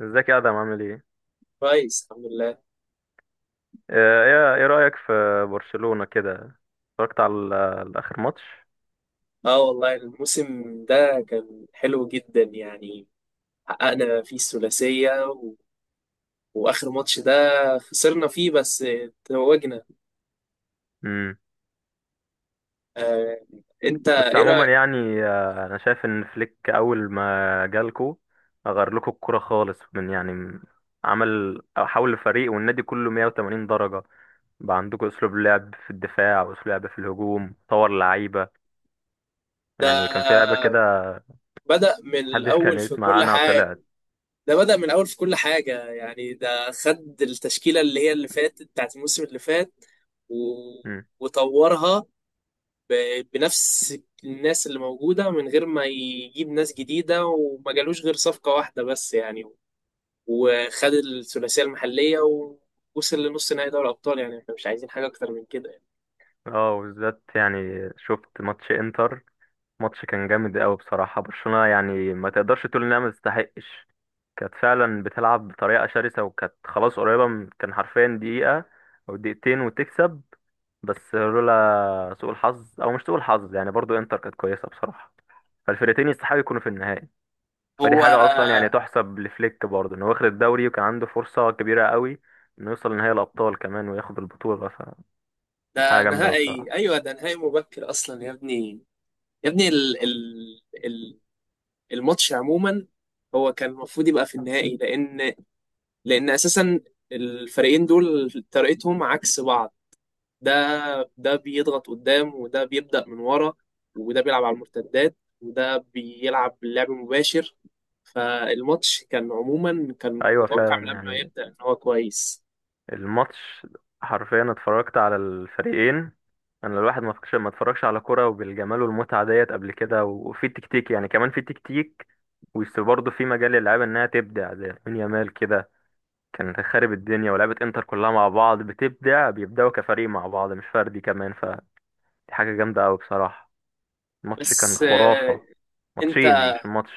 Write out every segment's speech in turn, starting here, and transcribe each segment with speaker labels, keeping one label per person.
Speaker 1: ازيك يا ادم، عامل ايه؟
Speaker 2: كويس الحمد لله.
Speaker 1: ايه رايك في برشلونه كده؟ اتفرجت على اخر ماتش.
Speaker 2: اه والله الموسم ده كان حلو جدا يعني. حققنا فيه الثلاثية واخر ماتش ده خسرنا فيه بس توجنا.
Speaker 1: امم.
Speaker 2: آه... انت
Speaker 1: بس
Speaker 2: ايه
Speaker 1: عموما
Speaker 2: رأيك؟
Speaker 1: يعني، انا شايف ان فليك اول ما جالكو غير لكم الكوره خالص عمل حول الفريق والنادي كله 180 درجه. بقى عندكم اسلوب لعب في الدفاع واسلوب لعب في الهجوم، طور لعيبه
Speaker 2: ده
Speaker 1: يعني كان في لعيبه كده
Speaker 2: بدأ من
Speaker 1: محدش كان
Speaker 2: الاول في
Speaker 1: يسمع
Speaker 2: كل
Speaker 1: عنها
Speaker 2: حاجة.
Speaker 1: طلعت.
Speaker 2: ده بدأ من الاول في كل حاجة يعني ده خد التشكيلة اللي هي اللي فاتت بتاعت الموسم اللي فات و...
Speaker 1: امم.
Speaker 2: وطورها بنفس الناس اللي موجودة من غير ما يجيب ناس جديدة، وما جالوش غير صفقة واحدة بس يعني. وخد الثلاثية المحلية ووصل لنص نهائي دوري الأبطال، يعني احنا مش عايزين حاجة أكتر من كده يعني.
Speaker 1: اه، وبالذات يعني شفت ماتش انتر. ماتش كان جامد قوي بصراحة. برشلونة يعني ما تقدرش تقول انها ما تستحقش. كانت فعلا بتلعب بطريقة شرسة، وكانت خلاص قريبة من، كان حرفيا دقيقة او دقيقتين وتكسب. بس لولا سوء الحظ او مش سوء الحظ يعني، برضو انتر كانت كويسة بصراحة. فالفرقتين يستحقوا يكونوا في النهائي. فدي
Speaker 2: هو
Speaker 1: حاجة اصلا يعني تحسب لفليك برضو، انه واخد الدوري وكان عنده فرصة كبيرة قوي انه يوصل لنهائي الابطال كمان وياخد البطولة.
Speaker 2: ده
Speaker 1: فحاجة جامدة أوي
Speaker 2: نهائي
Speaker 1: بصراحة.
Speaker 2: أيوه ده نهائي مبكر أصلا يا ابني. يا ابني الماتش عموما هو كان المفروض يبقى في النهائي، لأن أساسا الفريقين دول طريقتهم عكس بعض. ده ده بيضغط قدام وده بيبدأ من ورا، وده بيلعب على المرتدات وده بيلعب لعب مباشر. فالماتش كان عموما
Speaker 1: ايوه
Speaker 2: متوقع من
Speaker 1: فعلا،
Speaker 2: قبل ما
Speaker 1: يعني
Speaker 2: يبدأ ان هو كويس.
Speaker 1: الماتش حرفيا اتفرجت على الفريقين. انا الواحد ما فكش ما اتفرجش على كرة وبالجمال والمتعة ديت قبل كده، وفي تكتيك، يعني كمان في تكتيك. وبرضه في مجال للعيبة انها تبدع، زي لامين يامال كده كان خارب الدنيا. ولعبة انتر كلها مع بعض بتبدع، بيبدعوا كفريق مع بعض مش فردي كمان. فدي حاجة جامدة قوي بصراحة. الماتش كان
Speaker 2: بس
Speaker 1: خرافة.
Speaker 2: انت
Speaker 1: ماتشين، مش الماتش.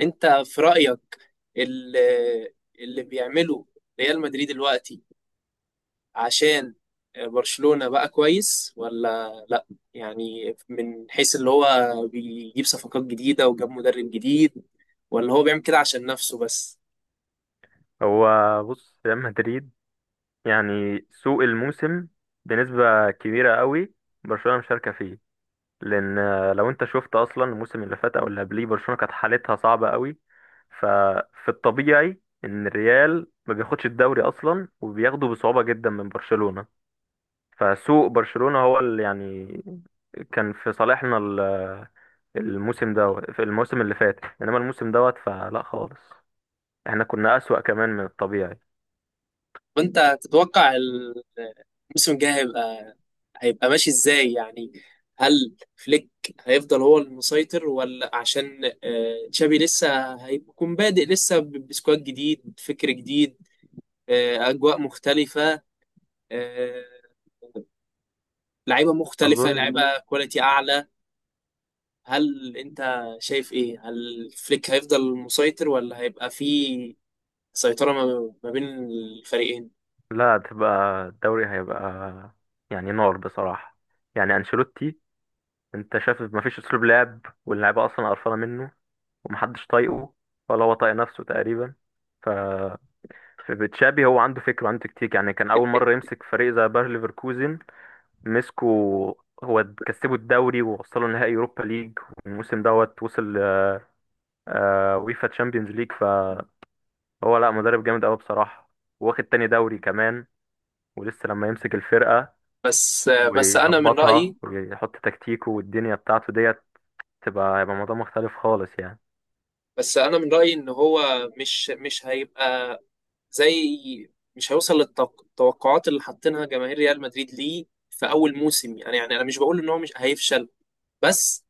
Speaker 2: انت في رأيك اللي, اللي بيعمله ريال مدريد دلوقتي، عشان برشلونة بقى كويس ولا لا؟ يعني من حيث اللي هو بيجيب صفقات جديدة وجاب مدرب جديد، ولا هو بيعمل كده عشان نفسه بس؟
Speaker 1: هو بص، ريال مدريد يعني سوق الموسم بنسبة كبيرة قوي برشلونة مشاركة فيه، لان لو انت شفت اصلا الموسم اللي فات او اللي قبليه، برشلونه كانت حالتها صعبه قوي. ففي الطبيعي ان الريال ما بياخدش الدوري اصلا، وبياخده بصعوبه جدا من برشلونه. فسوء برشلونه هو اللي يعني كان في صالحنا الموسم ده، في الموسم اللي فات. انما الموسم دوت فلا خالص، احنا كنا اسوأ كمان من الطبيعي.
Speaker 2: وانت تتوقع الموسم الجاي هيبقى ماشي ازاي يعني؟ هل فليك هيفضل هو المسيطر، ولا عشان تشابي لسه هيكون بادئ لسه بسكواد جديد، فكر جديد، اجواء مختلفة، آه، لعيبة مختلفة،
Speaker 1: اظن
Speaker 2: لعيبة كواليتي اعلى؟ هل انت شايف ايه؟ هل فليك هيفضل المسيطر، ولا هيبقى في سيطرة ما بين الفريقين؟
Speaker 1: لا، هتبقى، الدوري هيبقى يعني نار بصراحه. يعني انشيلوتي، انت شايف مفيش اسلوب لعب، واللعيبه اصلا قرفانه منه ومحدش طايقه ولا هو طايق نفسه تقريبا. ف في بتشابي هو عنده فكرة وعنده تكتيك، يعني كان أول مرة يمسك فريق زي باير ليفركوزن مسكه، هو كسبه الدوري ووصله نهائي يوروبا ليج. والموسم دوت وصل آه ويفا تشامبيونز ليج. فهو لا، مدرب جامد أوي بصراحة. واخد تاني دوري كمان. ولسه لما يمسك الفرقة
Speaker 2: بس بس
Speaker 1: ويظبطها ويحط تكتيكه والدنيا بتاعته ديت، هيبقى موضوع مختلف خالص يعني.
Speaker 2: انا من رايي ان هو مش هيبقى زي مش هيوصل للتوقعات اللي حاطينها جماهير ريال مدريد ليه في اول موسم يعني. يعني انا مش بقول ان هو مش هيفشل، بس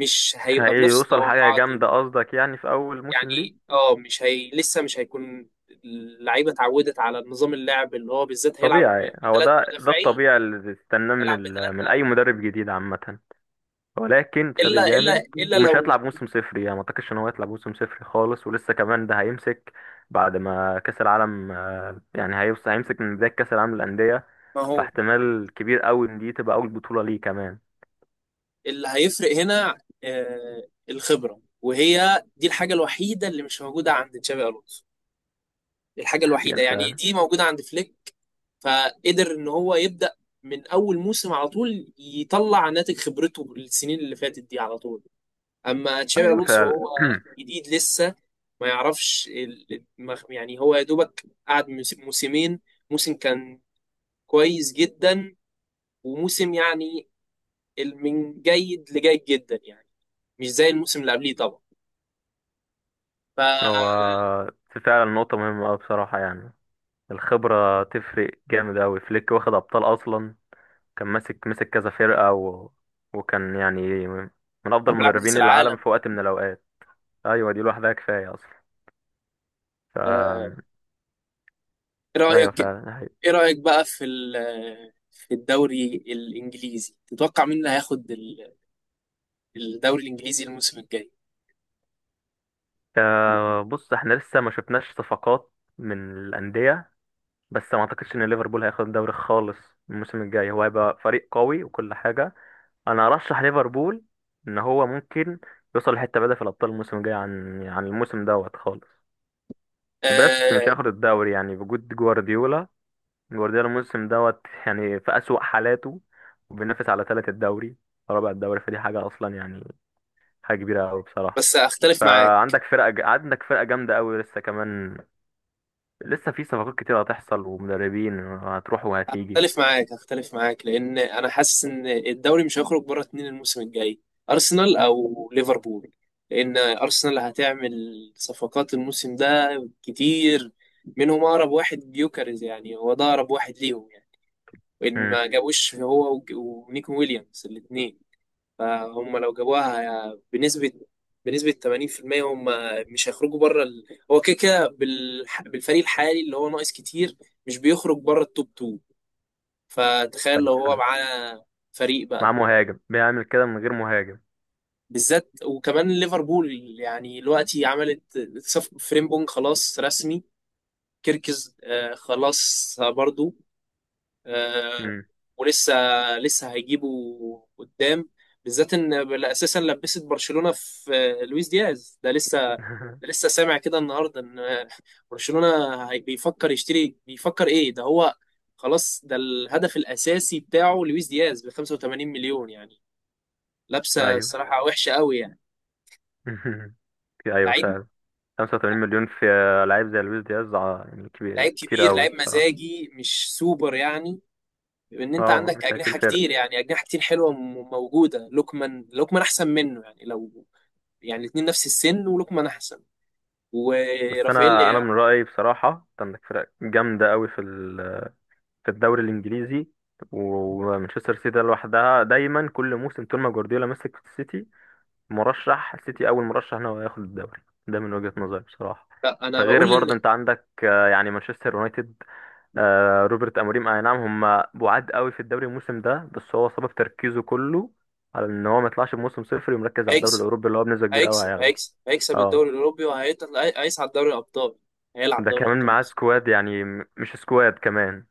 Speaker 2: مش
Speaker 1: مش
Speaker 2: هيبقى بنفس
Speaker 1: هيوصل حاجة
Speaker 2: التوقعات دي.
Speaker 1: جامدة قصدك يعني في أول موسم ليه.
Speaker 2: يعني مش هي لسه مش هيكون اللعيبه اتعودت على نظام اللعب اللي هو بالذات هيلعب
Speaker 1: طبيعي، هو
Speaker 2: بثلاث
Speaker 1: ده
Speaker 2: مدافعين.
Speaker 1: الطبيعي اللي تستناه من
Speaker 2: هيلعب بثلاثه.
Speaker 1: من أي مدرب جديد عامة. ولكن
Speaker 2: الا
Speaker 1: تشابي
Speaker 2: الا
Speaker 1: جامد،
Speaker 2: الا
Speaker 1: ومش هيطلع
Speaker 2: لو
Speaker 1: بموسم صفر يعني، ما أعتقدش إن هو هيطلع بموسم صفر خالص. ولسه كمان ده هيمسك بعد ما كأس العالم، يعني هيوصل، هيمسك من بداية كأس العالم للأندية.
Speaker 2: ما هو
Speaker 1: فاحتمال كبير قوي إن دي تبقى أول بطولة ليه كمان.
Speaker 2: اللي هيفرق هنا الخبرة، وهي دي الحاجة الوحيدة اللي مش موجودة عند تشابي ألونسو. الحاجة الوحيدة
Speaker 1: يعني
Speaker 2: يعني
Speaker 1: فعلا.
Speaker 2: دي موجودة عند فليك، فقدر إن هو يبدأ من أول موسم على طول يطلع ناتج خبرته السنين اللي فاتت دي على طول. أما تشابي
Speaker 1: أيوه
Speaker 2: ألونسو
Speaker 1: فعلا.
Speaker 2: هو جديد لسه، ما يعرفش يعني هو يا دوبك قعد موسمين. موسم كان كويس جدا، وموسم يعني من جيد لجيد جدا يعني، مش زي الموسم اللي قبليه طبعا.
Speaker 1: هو
Speaker 2: فلما
Speaker 1: فعلا نقطة مهمة أوي بصراحة يعني. الخبرة تفرق جامد أوي. فليك واخد أبطال أصلا، كان ماسك، مسك كذا فرقة وكان يعني من أفضل
Speaker 2: بلعب كأس
Speaker 1: مدربين العالم
Speaker 2: العالم
Speaker 1: في وقت من الأوقات. أيوة دي لوحدها كفاية أصلا. ف...
Speaker 2: آه، ايه
Speaker 1: أيوة
Speaker 2: رأيك؟
Speaker 1: فعلا، ده حقيقي.
Speaker 2: ايه رأيك بقى في في الدوري الإنجليزي؟ تتوقع مين اللي هياخد الدوري الإنجليزي الموسم الجاي؟
Speaker 1: آه بص، احنا لسه ما شفناش صفقات من الأندية. بس ما أعتقدش إن ليفربول هياخد الدوري خالص الموسم الجاي. هو هيبقى فريق قوي وكل حاجة. أنا أرشح ليفربول إن هو ممكن يوصل لحتة بعيدة في الأبطال الموسم الجاي عن الموسم دوت خالص. بس مش
Speaker 2: آه،
Speaker 1: هياخد الدوري يعني بوجود جوارديولا. جوارديولا الموسم دوت يعني في أسوأ حالاته، وبينافس على تالت الدوري، رابع الدوري. فدي حاجة أصلا يعني، حاجة كبيرة أوي بصراحة.
Speaker 2: بس اختلف معاك.
Speaker 1: فعندك فرقة ج... عندك فرقة جامدة أوي لسه كمان، لسه في صفقات كتير هتحصل ومدربين هتروح وهتيجي.
Speaker 2: اختلف معاك لأن انا حاسس ان الدوري مش هيخرج بره اتنين الموسم الجاي، أرسنال او ليفربول. لأن أرسنال هتعمل صفقات الموسم ده كتير، منهم أقرب واحد جيوكاريز، يعني هو ده أقرب واحد ليهم يعني. وان
Speaker 1: امم.
Speaker 2: ما جابوش هو ونيكون ويليامز الاثنين، فهم لو جابوها بنسبه 80% هم مش هيخرجوا بره هو كده كده بالفريق الحالي اللي هو ناقص كتير مش بيخرج بره التوب 2. فتخيل
Speaker 1: أيوة
Speaker 2: لو هو
Speaker 1: فعلا.
Speaker 2: معاه فريق بقى،
Speaker 1: مع مهاجم بيعمل كده من غير مهاجم.
Speaker 2: بالذات وكمان ليفربول. يعني دلوقتي عملت صف فريمبونج خلاص رسمي، كيركز خلاص برضو، آه،
Speaker 1: امم.
Speaker 2: ولسه هيجيبوا قدام. بالذات ان اساسا لبست برشلونه في لويس دياز، ده لسه سامع كده النهارده ان برشلونه هي- بيفكر يشتري بيفكر ايه ده هو خلاص ده الهدف الاساسي بتاعه لويس دياز ب 85 مليون يعني. لابسه
Speaker 1: أيوه.
Speaker 2: الصراحه وحشه قوي يعني.
Speaker 1: أيوه
Speaker 2: لعيب
Speaker 1: فعلا. 85 مليون في لعيب زي لويس دياز، ع- يعني كبير
Speaker 2: لعيب
Speaker 1: كتير
Speaker 2: كبير،
Speaker 1: أوي
Speaker 2: لعيب
Speaker 1: بصراحة.
Speaker 2: مزاجي مش سوبر يعني. ان انت
Speaker 1: اه
Speaker 2: عندك
Speaker 1: مش هيشيل
Speaker 2: اجنحه
Speaker 1: فرق.
Speaker 2: كتير، يعني اجنحه كتير حلوه موجوده، لوكمان احسن منه يعني. لو يعني الاتنين نفس السن، ولوكمان احسن
Speaker 1: بس
Speaker 2: ورافائيل
Speaker 1: انا من
Speaker 2: لياو.
Speaker 1: رايي بصراحه، أنت عندك فرق جامده قوي في الدوري الانجليزي. ومانشستر سيتي ده لوحدها دايما، كل موسم طول ما جوارديولا مسك في السيتي، مرشح السيتي اول مرشح ان هو ياخد الدوري. ده من وجهه نظري بصراحه.
Speaker 2: لا
Speaker 1: ده
Speaker 2: انا
Speaker 1: غير
Speaker 2: بقول
Speaker 1: برضه
Speaker 2: ان
Speaker 1: انت عندك يعني مانشستر يونايتد، روبرت اموريم، اي نعم. هم بعاد قوي في الدوري الموسم ده، بس هو سبب تركيزه كله على ان هو ما يطلعش بموسم صفر، ومركز على الدوري
Speaker 2: هيكسب
Speaker 1: الاوروبي اللي هو بنسبه كبيره قوي هياخده.
Speaker 2: هيكسب
Speaker 1: اه
Speaker 2: الدوري الاوروبي، هيصعد دوري الابطال. هيلعب
Speaker 1: ده
Speaker 2: دوري
Speaker 1: كمان
Speaker 2: الابطال
Speaker 1: معاه
Speaker 2: الموسم الجاي.
Speaker 1: سكواد، يعني مش سكواد كمان.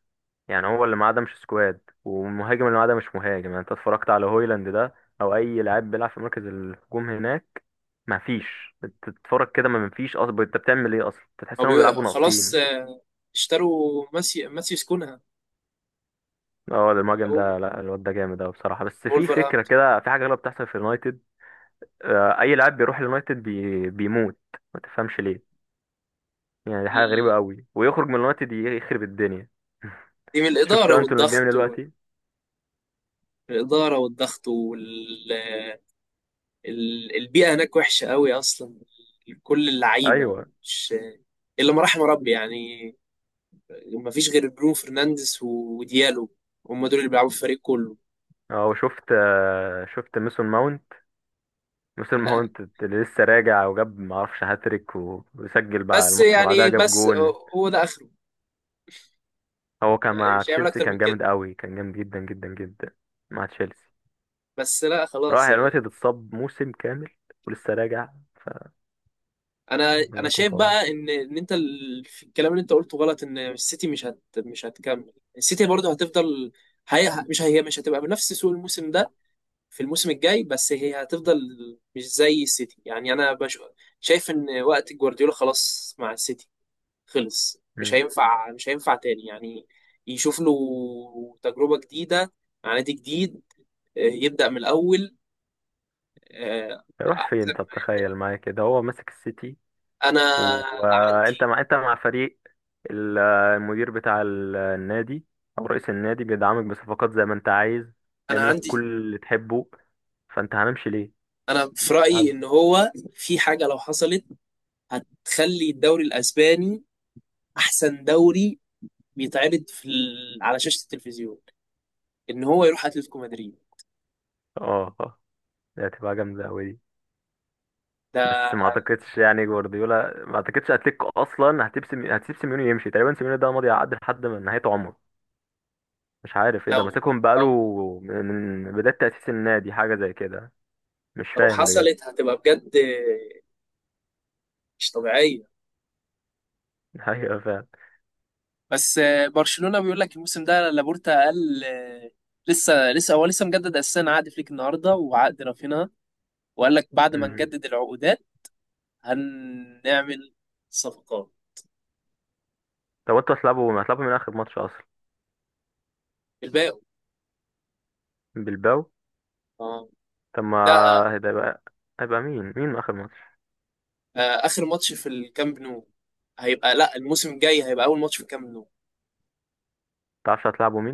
Speaker 1: يعني هو اللي معاه ده مش سكواد، والمهاجم اللي معاه ده مش مهاجم. يعني انت اتفرجت على هويلاند ده، او اي لاعب بيلعب في مركز الهجوم هناك، ما فيش. تتفرج كده، ما فيش اصلا. انت بتعمل ايه اصلا؟ انت تحس انهم بيلعبوا
Speaker 2: خلاص
Speaker 1: ناقصين.
Speaker 2: اشتروا ماسيوس كونها،
Speaker 1: اه ده المهاجم،
Speaker 2: جابوه من
Speaker 1: ده لا، الواد ده جامد اوي بصراحه. بس في فكره
Speaker 2: وولفرهامبتون.
Speaker 1: كده، في حاجه غلط بتحصل في اليونايتد. اي لاعب بيروح اليونايتد بيموت. ما تفهمش ليه. يعني دي حاجه غريبه
Speaker 2: ال-
Speaker 1: قوي، ويخرج من اليونايتد يخرب الدنيا.
Speaker 2: دي من
Speaker 1: شفت
Speaker 2: الاداره
Speaker 1: انتوا اللي بيعمل إيه
Speaker 2: والضغط
Speaker 1: دلوقتي.
Speaker 2: الإدارة والضغط والبيئة هناك وحشة قوي أصلا. كل اللعيبة
Speaker 1: ايوه.
Speaker 2: مش إلا ما رحم ربي يعني، مفيش غير برونو فرنانديز وديالو، هم دول اللي بيلعبوا في الفريق كله.
Speaker 1: اه وشفت آه، شفت ميسون ماونت. ميسون
Speaker 2: يعني
Speaker 1: ماونت اللي لسه راجع وجاب معرفش هاتريك، و- وسجل بقى
Speaker 2: بس
Speaker 1: الماتش اللي بعدها
Speaker 2: يعني
Speaker 1: جاب
Speaker 2: بس
Speaker 1: جون.
Speaker 2: هو ده اخره.
Speaker 1: هو كان
Speaker 2: يعني
Speaker 1: مع
Speaker 2: مش هيعمل
Speaker 1: تشيلسي
Speaker 2: اكتر من
Speaker 1: كان
Speaker 2: كده
Speaker 1: جامد قوي، كان جامد جدا جدا جدا مع تشيلسي.
Speaker 2: بس. لا
Speaker 1: راح
Speaker 2: خلاص يعني.
Speaker 1: اليونايتد، اتصاب موسم كامل، ولسه راجع. ف، الله
Speaker 2: انا
Speaker 1: يكون
Speaker 2: شايف
Speaker 1: في عونه.
Speaker 2: بقى ان في الكلام اللي انت قلته غلط، ان السيتي مش هتكمل. السيتي برضه هتفضل، هي مش هتبقى بنفس سوق الموسم ده في الموسم الجاي، بس هي هتفضل. مش زي السيتي يعني. شايف ان وقت جوارديولا خلاص مع السيتي خلص.
Speaker 1: مم.
Speaker 2: مش هينفع تاني يعني. يشوف له تجربة جديدة مع نادي جديد، يبدأ من الأول،
Speaker 1: يروح فين؟
Speaker 2: أحسن
Speaker 1: طب
Speaker 2: ما يبدأ.
Speaker 1: تخيل معايا كده، هو ماسك السيتي،
Speaker 2: أنا
Speaker 1: وانت
Speaker 2: عندي
Speaker 1: مع انت مع فريق، المدير بتاع النادي او رئيس النادي بيدعمك بصفقات زي ما انت عايز،
Speaker 2: أنا
Speaker 1: بيعمل لك كل
Speaker 2: عندي
Speaker 1: اللي تحبه. فانت هنمشي ليه؟
Speaker 2: أنا في رأيي
Speaker 1: عبد.
Speaker 2: إن هو في حاجة لو حصلت هتخلي الدوري الأسباني أحسن دوري بيتعرض على شاشة التلفزيون، إن هو يروح أتلتيكو مدريد.
Speaker 1: اه دي هتبقى جامده قوي دي.
Speaker 2: ده
Speaker 1: بس ما اعتقدش يعني جوارديولا، ما اعتقدش اتلتيكو اصلا هتسيب سيميوني يمشي. تقريبا سيميوني ده ماضي عقد لحد من نهايه عمره، مش عارف ايه،
Speaker 2: لو
Speaker 1: ده ماسكهم
Speaker 2: لو
Speaker 1: بقاله من من بدايه تاسيس النادي حاجه زي كده. مش
Speaker 2: لو
Speaker 1: فاهم بجد.
Speaker 2: حصلت هتبقى بجد مش طبيعية.
Speaker 1: ايوه فعلا.
Speaker 2: بس برشلونة بيقول لك الموسم ده، لابورتا قال لسه لسه هو لسه مجدد اساسا عقد فليك النهارده وعقد رافينها، وقال لك بعد ما
Speaker 1: مم.
Speaker 2: نجدد العقودات هنعمل صفقات
Speaker 1: طب انتوا هتلعبوا من اخر ماتش اصلا
Speaker 2: الباقي.
Speaker 1: بالباو.
Speaker 2: اه
Speaker 1: طب ما
Speaker 2: ده
Speaker 1: هيبقى، هيبقى مين اخر ماتش؟
Speaker 2: اخر ماتش في الكامب نو هيبقى، لا الموسم الجاي هيبقى اول ماتش في الكامب نو.
Speaker 1: متعرفش هتلعبوا